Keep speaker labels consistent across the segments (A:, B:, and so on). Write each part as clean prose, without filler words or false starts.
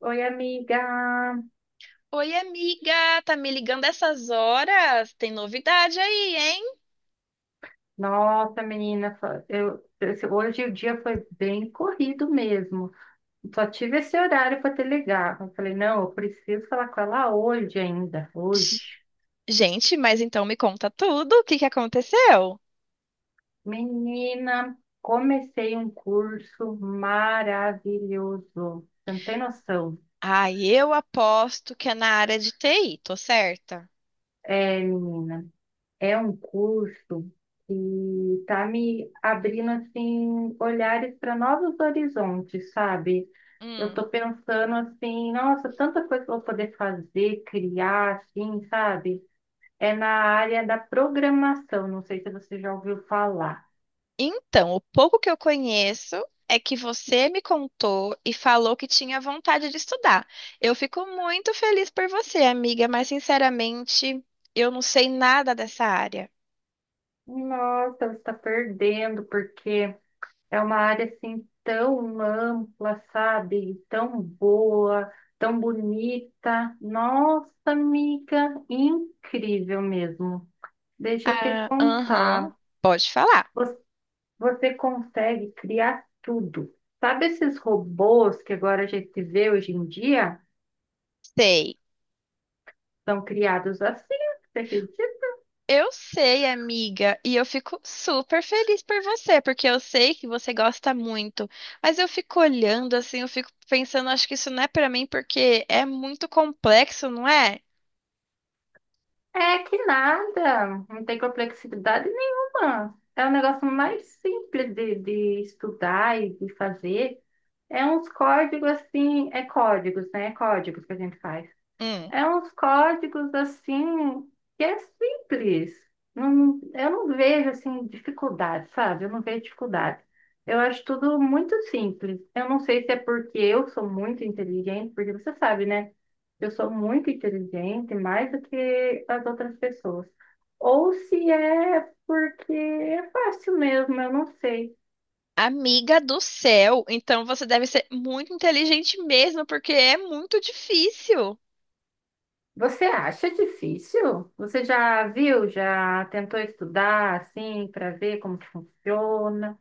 A: Oi, amiga.
B: Oi, amiga, tá me ligando essas horas? Tem novidade aí, hein?
A: Nossa, menina, hoje o dia foi bem corrido mesmo. Só tive esse horário para te ligar. Eu falei, não, eu preciso falar com ela hoje ainda,
B: G-
A: hoje.
B: Gente, mas então me conta tudo, o que que aconteceu?
A: Menina, comecei um curso maravilhoso. Você não tem noção.
B: Ah, eu aposto que é na área de TI, tô certa?
A: É, menina. É um curso que está me abrindo assim olhares para novos horizontes, sabe? Eu
B: Hum.
A: estou pensando assim, nossa, tanta coisa que eu vou poder fazer, criar, assim, sabe? É na área da programação, não sei se você já ouviu falar.
B: Então, o pouco que eu conheço é que você me contou e falou que tinha vontade de estudar. Eu fico muito feliz por você, amiga, mas sinceramente, eu não sei nada dessa área.
A: Nossa, você está perdendo, porque é uma área assim tão ampla, sabe? Tão boa, tão bonita. Nossa, amiga, incrível mesmo. Deixa eu te
B: Ah, aham,
A: contar.
B: pode falar.
A: Vo- Você consegue criar tudo. Sabe esses robôs que agora a gente vê hoje em dia?
B: Sei.
A: São criados assim, você acredita?
B: Eu sei, amiga, e eu fico super feliz por você, porque eu sei que você gosta muito. Mas eu fico olhando assim, eu fico pensando, acho que isso não é pra mim porque é muito complexo, não é?
A: É que nada, não tem complexidade nenhuma. É um negócio mais simples de estudar e de fazer. É uns códigos assim, é códigos, né? É códigos que a gente faz.
B: Hum.
A: É uns códigos assim que é simples. Não, eu não vejo assim dificuldade, sabe? Eu não vejo dificuldade. Eu acho tudo muito simples. Eu não sei se é porque eu sou muito inteligente, porque você sabe, né? Eu sou muito inteligente, mais do que as outras pessoas. Ou se é porque é fácil mesmo, eu não sei.
B: Amiga do céu, então você deve ser muito inteligente mesmo, porque é muito difícil.
A: Você acha difícil? Você já viu, já tentou estudar assim para ver como que funciona?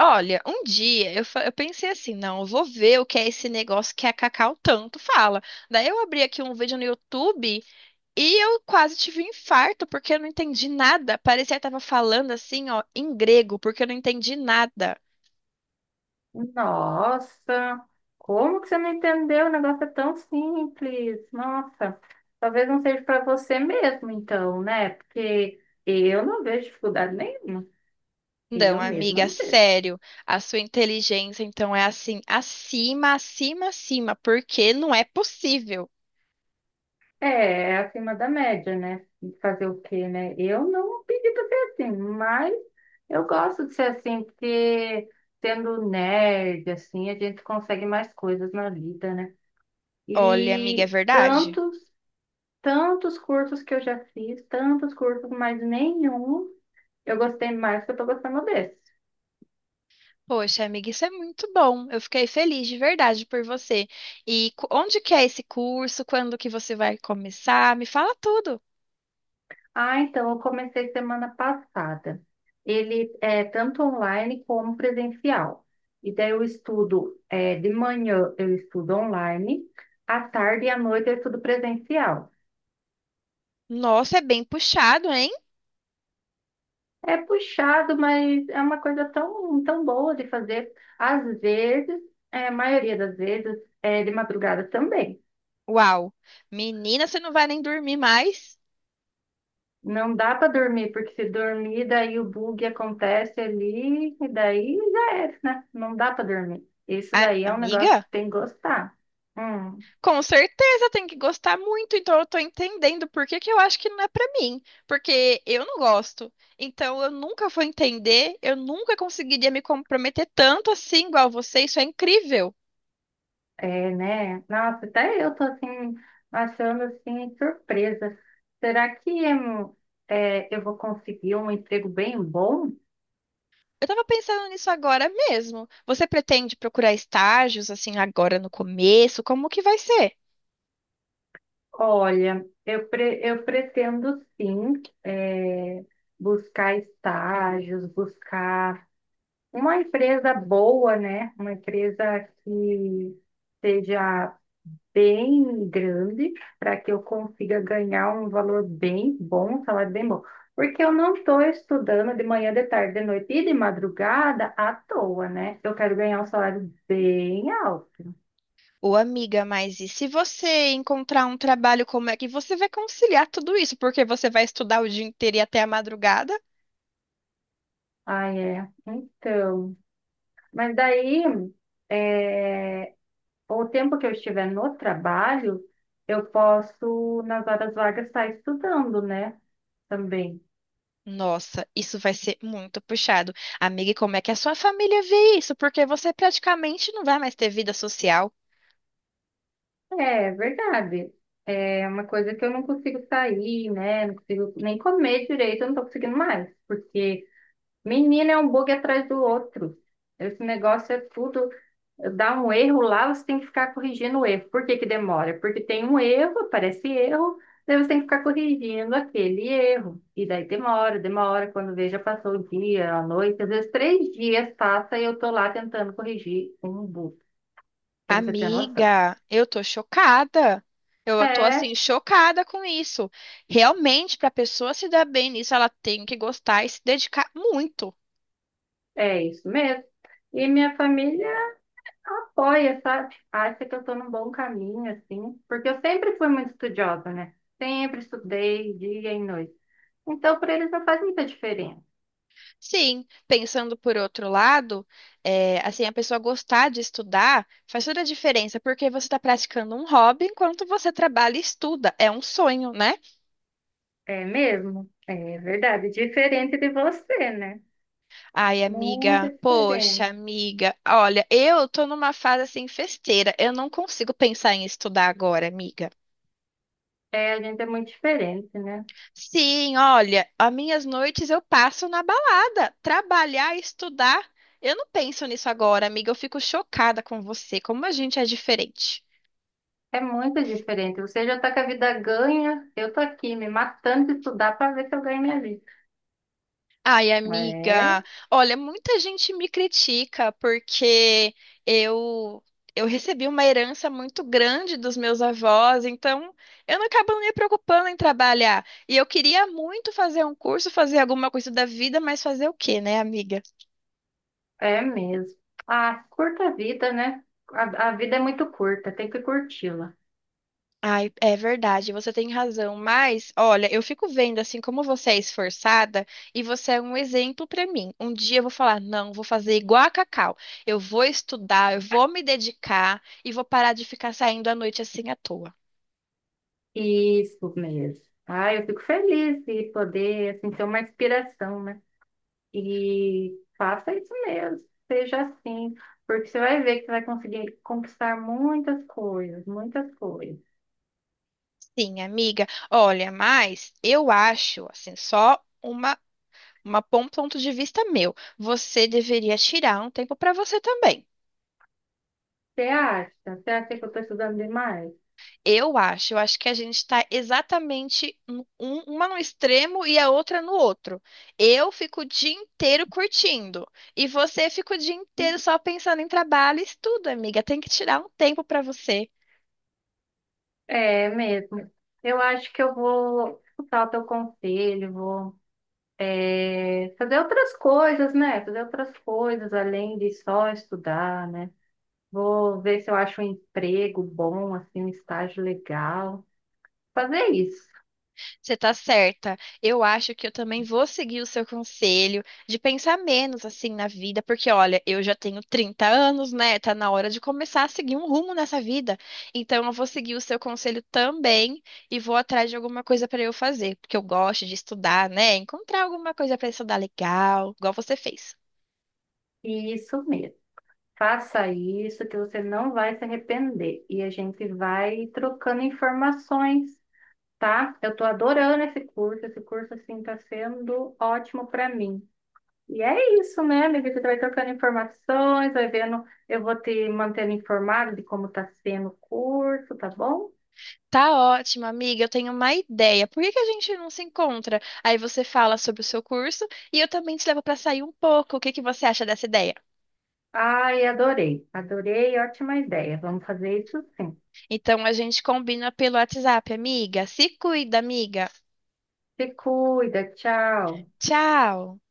B: Olha, um dia eu pensei assim, não, eu vou ver o que é esse negócio que a Cacau tanto fala. Daí eu abri aqui um vídeo no YouTube. E eu quase tive um infarto porque eu não entendi nada. Parecia que tava falando assim, ó, em grego, porque eu não entendi nada.
A: Nossa, como que você não entendeu? O negócio é tão simples. Nossa, talvez não seja para você mesmo, então, né? Porque eu não vejo dificuldade nenhuma.
B: Não,
A: Eu mesma
B: amiga,
A: não vejo.
B: sério, a sua inteligência então é assim, acima, acima, acima, porque não é possível.
A: É, é acima da média, né? Fazer o quê, né? Eu não pedi para ser assim, mas eu gosto de ser assim, porque sendo nerd, assim, a gente consegue mais coisas na vida, né?
B: Olha, amiga, é
A: E
B: verdade?
A: tantos, tantos cursos que eu já fiz, tantos cursos, mas nenhum eu gostei mais que eu tô gostando desse.
B: Poxa, amiga, isso é muito bom. Eu fiquei feliz de verdade por você. E onde que é esse curso? Quando que você vai começar? Me fala tudo.
A: Ah, então eu comecei semana passada. Ele é tanto online como presencial. E daí eu estudo, é, de manhã eu estudo online, à tarde e à noite eu estudo presencial.
B: Nossa, é bem puxado, hein?
A: É puxado, mas é uma coisa tão, tão boa de fazer. Às vezes, é, a maioria das vezes, é de madrugada também.
B: Uau. Menina, você não vai nem dormir mais?
A: Não dá para dormir, porque se dormir, daí o bug acontece ali, e daí já é, né? Não dá para dormir. Isso daí é um negócio que
B: Amiga?
A: tem que gostar. Hum,
B: Com certeza tem que gostar muito, então eu tô entendendo por que que eu acho que não é pra mim, porque eu não gosto. Então eu nunca vou entender, eu nunca conseguiria me comprometer tanto assim igual você, isso é incrível.
A: é, né? Nossa, até eu tô assim, achando assim, surpresa. Será que é, eu vou conseguir um emprego bem bom?
B: Eu tava pensando nisso agora mesmo. Você pretende procurar estágios assim agora no começo? Como que vai ser?
A: Olha, eu, eu pretendo sim, é, buscar estágios, buscar uma empresa boa, né? Uma empresa que seja bem grande, para que eu consiga ganhar um valor bem bom, um salário bem bom. Porque eu não estou estudando de manhã, de tarde, de noite e de madrugada à toa, né? Eu quero ganhar um salário bem alto.
B: Ô, amiga, mas e se você encontrar um trabalho, como é que você vai conciliar tudo isso? Porque você vai estudar o dia inteiro e até a madrugada?
A: Ah, é. Então. Mas daí, é, o tempo que eu estiver no trabalho, eu posso, nas horas vagas, estar estudando, né? Também.
B: Nossa, isso vai ser muito puxado. Amiga, e como é que a sua família vê isso? Porque você praticamente não vai mais ter vida social.
A: É verdade. É uma coisa que eu não consigo sair, né? Não consigo nem comer direito, eu não tô conseguindo mais. Porque, menina, é um bug atrás do outro. Esse negócio é tudo. Dá um erro lá, você tem que ficar corrigindo o erro. Por que que demora? Porque tem um erro, aparece erro, daí você tem que ficar corrigindo aquele erro. E daí demora, demora. Quando veja, passou o dia, a noite, às vezes três dias passa e eu tô lá tentando corrigir um bug, pra você ter noção.
B: Amiga, eu tô chocada. Eu tô
A: É.
B: assim, chocada com isso. Realmente, para a pessoa se dar bem nisso, ela tem que gostar e se dedicar muito.
A: É isso mesmo. E minha família apoia, sabe? Acha que eu tô num bom caminho, assim, porque eu sempre fui muito estudiosa, né? Sempre estudei dia e noite. Então, para eles não faz muita diferença.
B: Sim, pensando por outro lado, é, assim, a pessoa gostar de estudar faz toda a diferença, porque você está praticando um hobby enquanto você trabalha e estuda. É um sonho, né?
A: É mesmo? É verdade. Diferente de você, né?
B: Ai,
A: Muito
B: amiga, poxa,
A: diferente.
B: amiga, olha, eu tô numa fase assim festeira, eu não consigo pensar em estudar agora, amiga.
A: É, a gente é muito diferente, né?
B: Sim, olha, as minhas noites eu passo na balada, trabalhar, estudar. Eu não penso nisso agora, amiga, eu fico chocada com você, como a gente é diferente.
A: É muito diferente. Você já tá com a vida ganha, eu tô aqui me matando de estudar para ver se eu ganho minha vida.
B: Ai, amiga,
A: É.
B: olha, muita gente me critica porque eu eu recebi uma herança muito grande dos meus avós, então eu não acabo me preocupando em trabalhar. E eu queria muito fazer um curso, fazer alguma coisa da vida, mas fazer o quê, né, amiga?
A: É mesmo. Ah, curta a vida, né? A vida é muito curta, tem que curti-la.
B: Ai, é verdade, você tem razão, mas olha, eu fico vendo assim como você é esforçada e você é um exemplo para mim. Um dia eu vou falar, não, vou fazer igual a Cacau. Eu vou estudar, eu vou me dedicar e vou parar de ficar saindo à noite assim à toa.
A: Isso mesmo. Ah, eu fico feliz de poder, assim, ter uma inspiração, né? E faça isso mesmo, seja assim, porque você vai ver que você vai conseguir conquistar muitas coisas, muitas coisas.
B: Sim, amiga. Olha, mas eu acho assim, só uma um ponto de vista meu. Você deveria tirar um tempo para você também.
A: Você acha? Você acha que eu estou estudando demais?
B: Eu acho que a gente está exatamente uma no extremo e a outra no outro. Eu fico o dia inteiro curtindo e você fica o dia inteiro só pensando em trabalho e estudo, amiga. Tem que tirar um tempo para você.
A: É mesmo. Eu acho que eu vou escutar o teu conselho, vou é, fazer outras coisas, né? Fazer outras coisas além de só estudar, né? Vou ver se eu acho um emprego bom, assim, um estágio legal. Fazer isso.
B: Você tá certa. Eu acho que eu também vou seguir o seu conselho de pensar menos assim na vida, porque olha, eu já tenho 30 anos, né? Tá na hora de começar a seguir um rumo nessa vida. Então eu vou seguir o seu conselho também e vou atrás de alguma coisa pra eu fazer, porque eu gosto de estudar, né? Encontrar alguma coisa pra estudar legal, igual você fez.
A: E isso mesmo. Faça isso que você não vai se arrepender. E a gente vai trocando informações, tá? Eu tô adorando esse curso. Esse curso, assim, tá sendo ótimo para mim. E é isso, né, amiga? Você vai trocando informações, vai vendo. Eu vou te mantendo informado de como está sendo o curso, tá bom?
B: Tá ótimo, amiga. Eu tenho uma ideia. Por que que a gente não se encontra? Aí você fala sobre o seu curso e eu também te levo pra sair um pouco. O que que você acha dessa ideia?
A: Ai, adorei, adorei, ótima ideia. Vamos fazer isso sim.
B: Então a gente combina pelo WhatsApp, amiga. Se cuida, amiga.
A: Se cuida, tchau.
B: Tchau.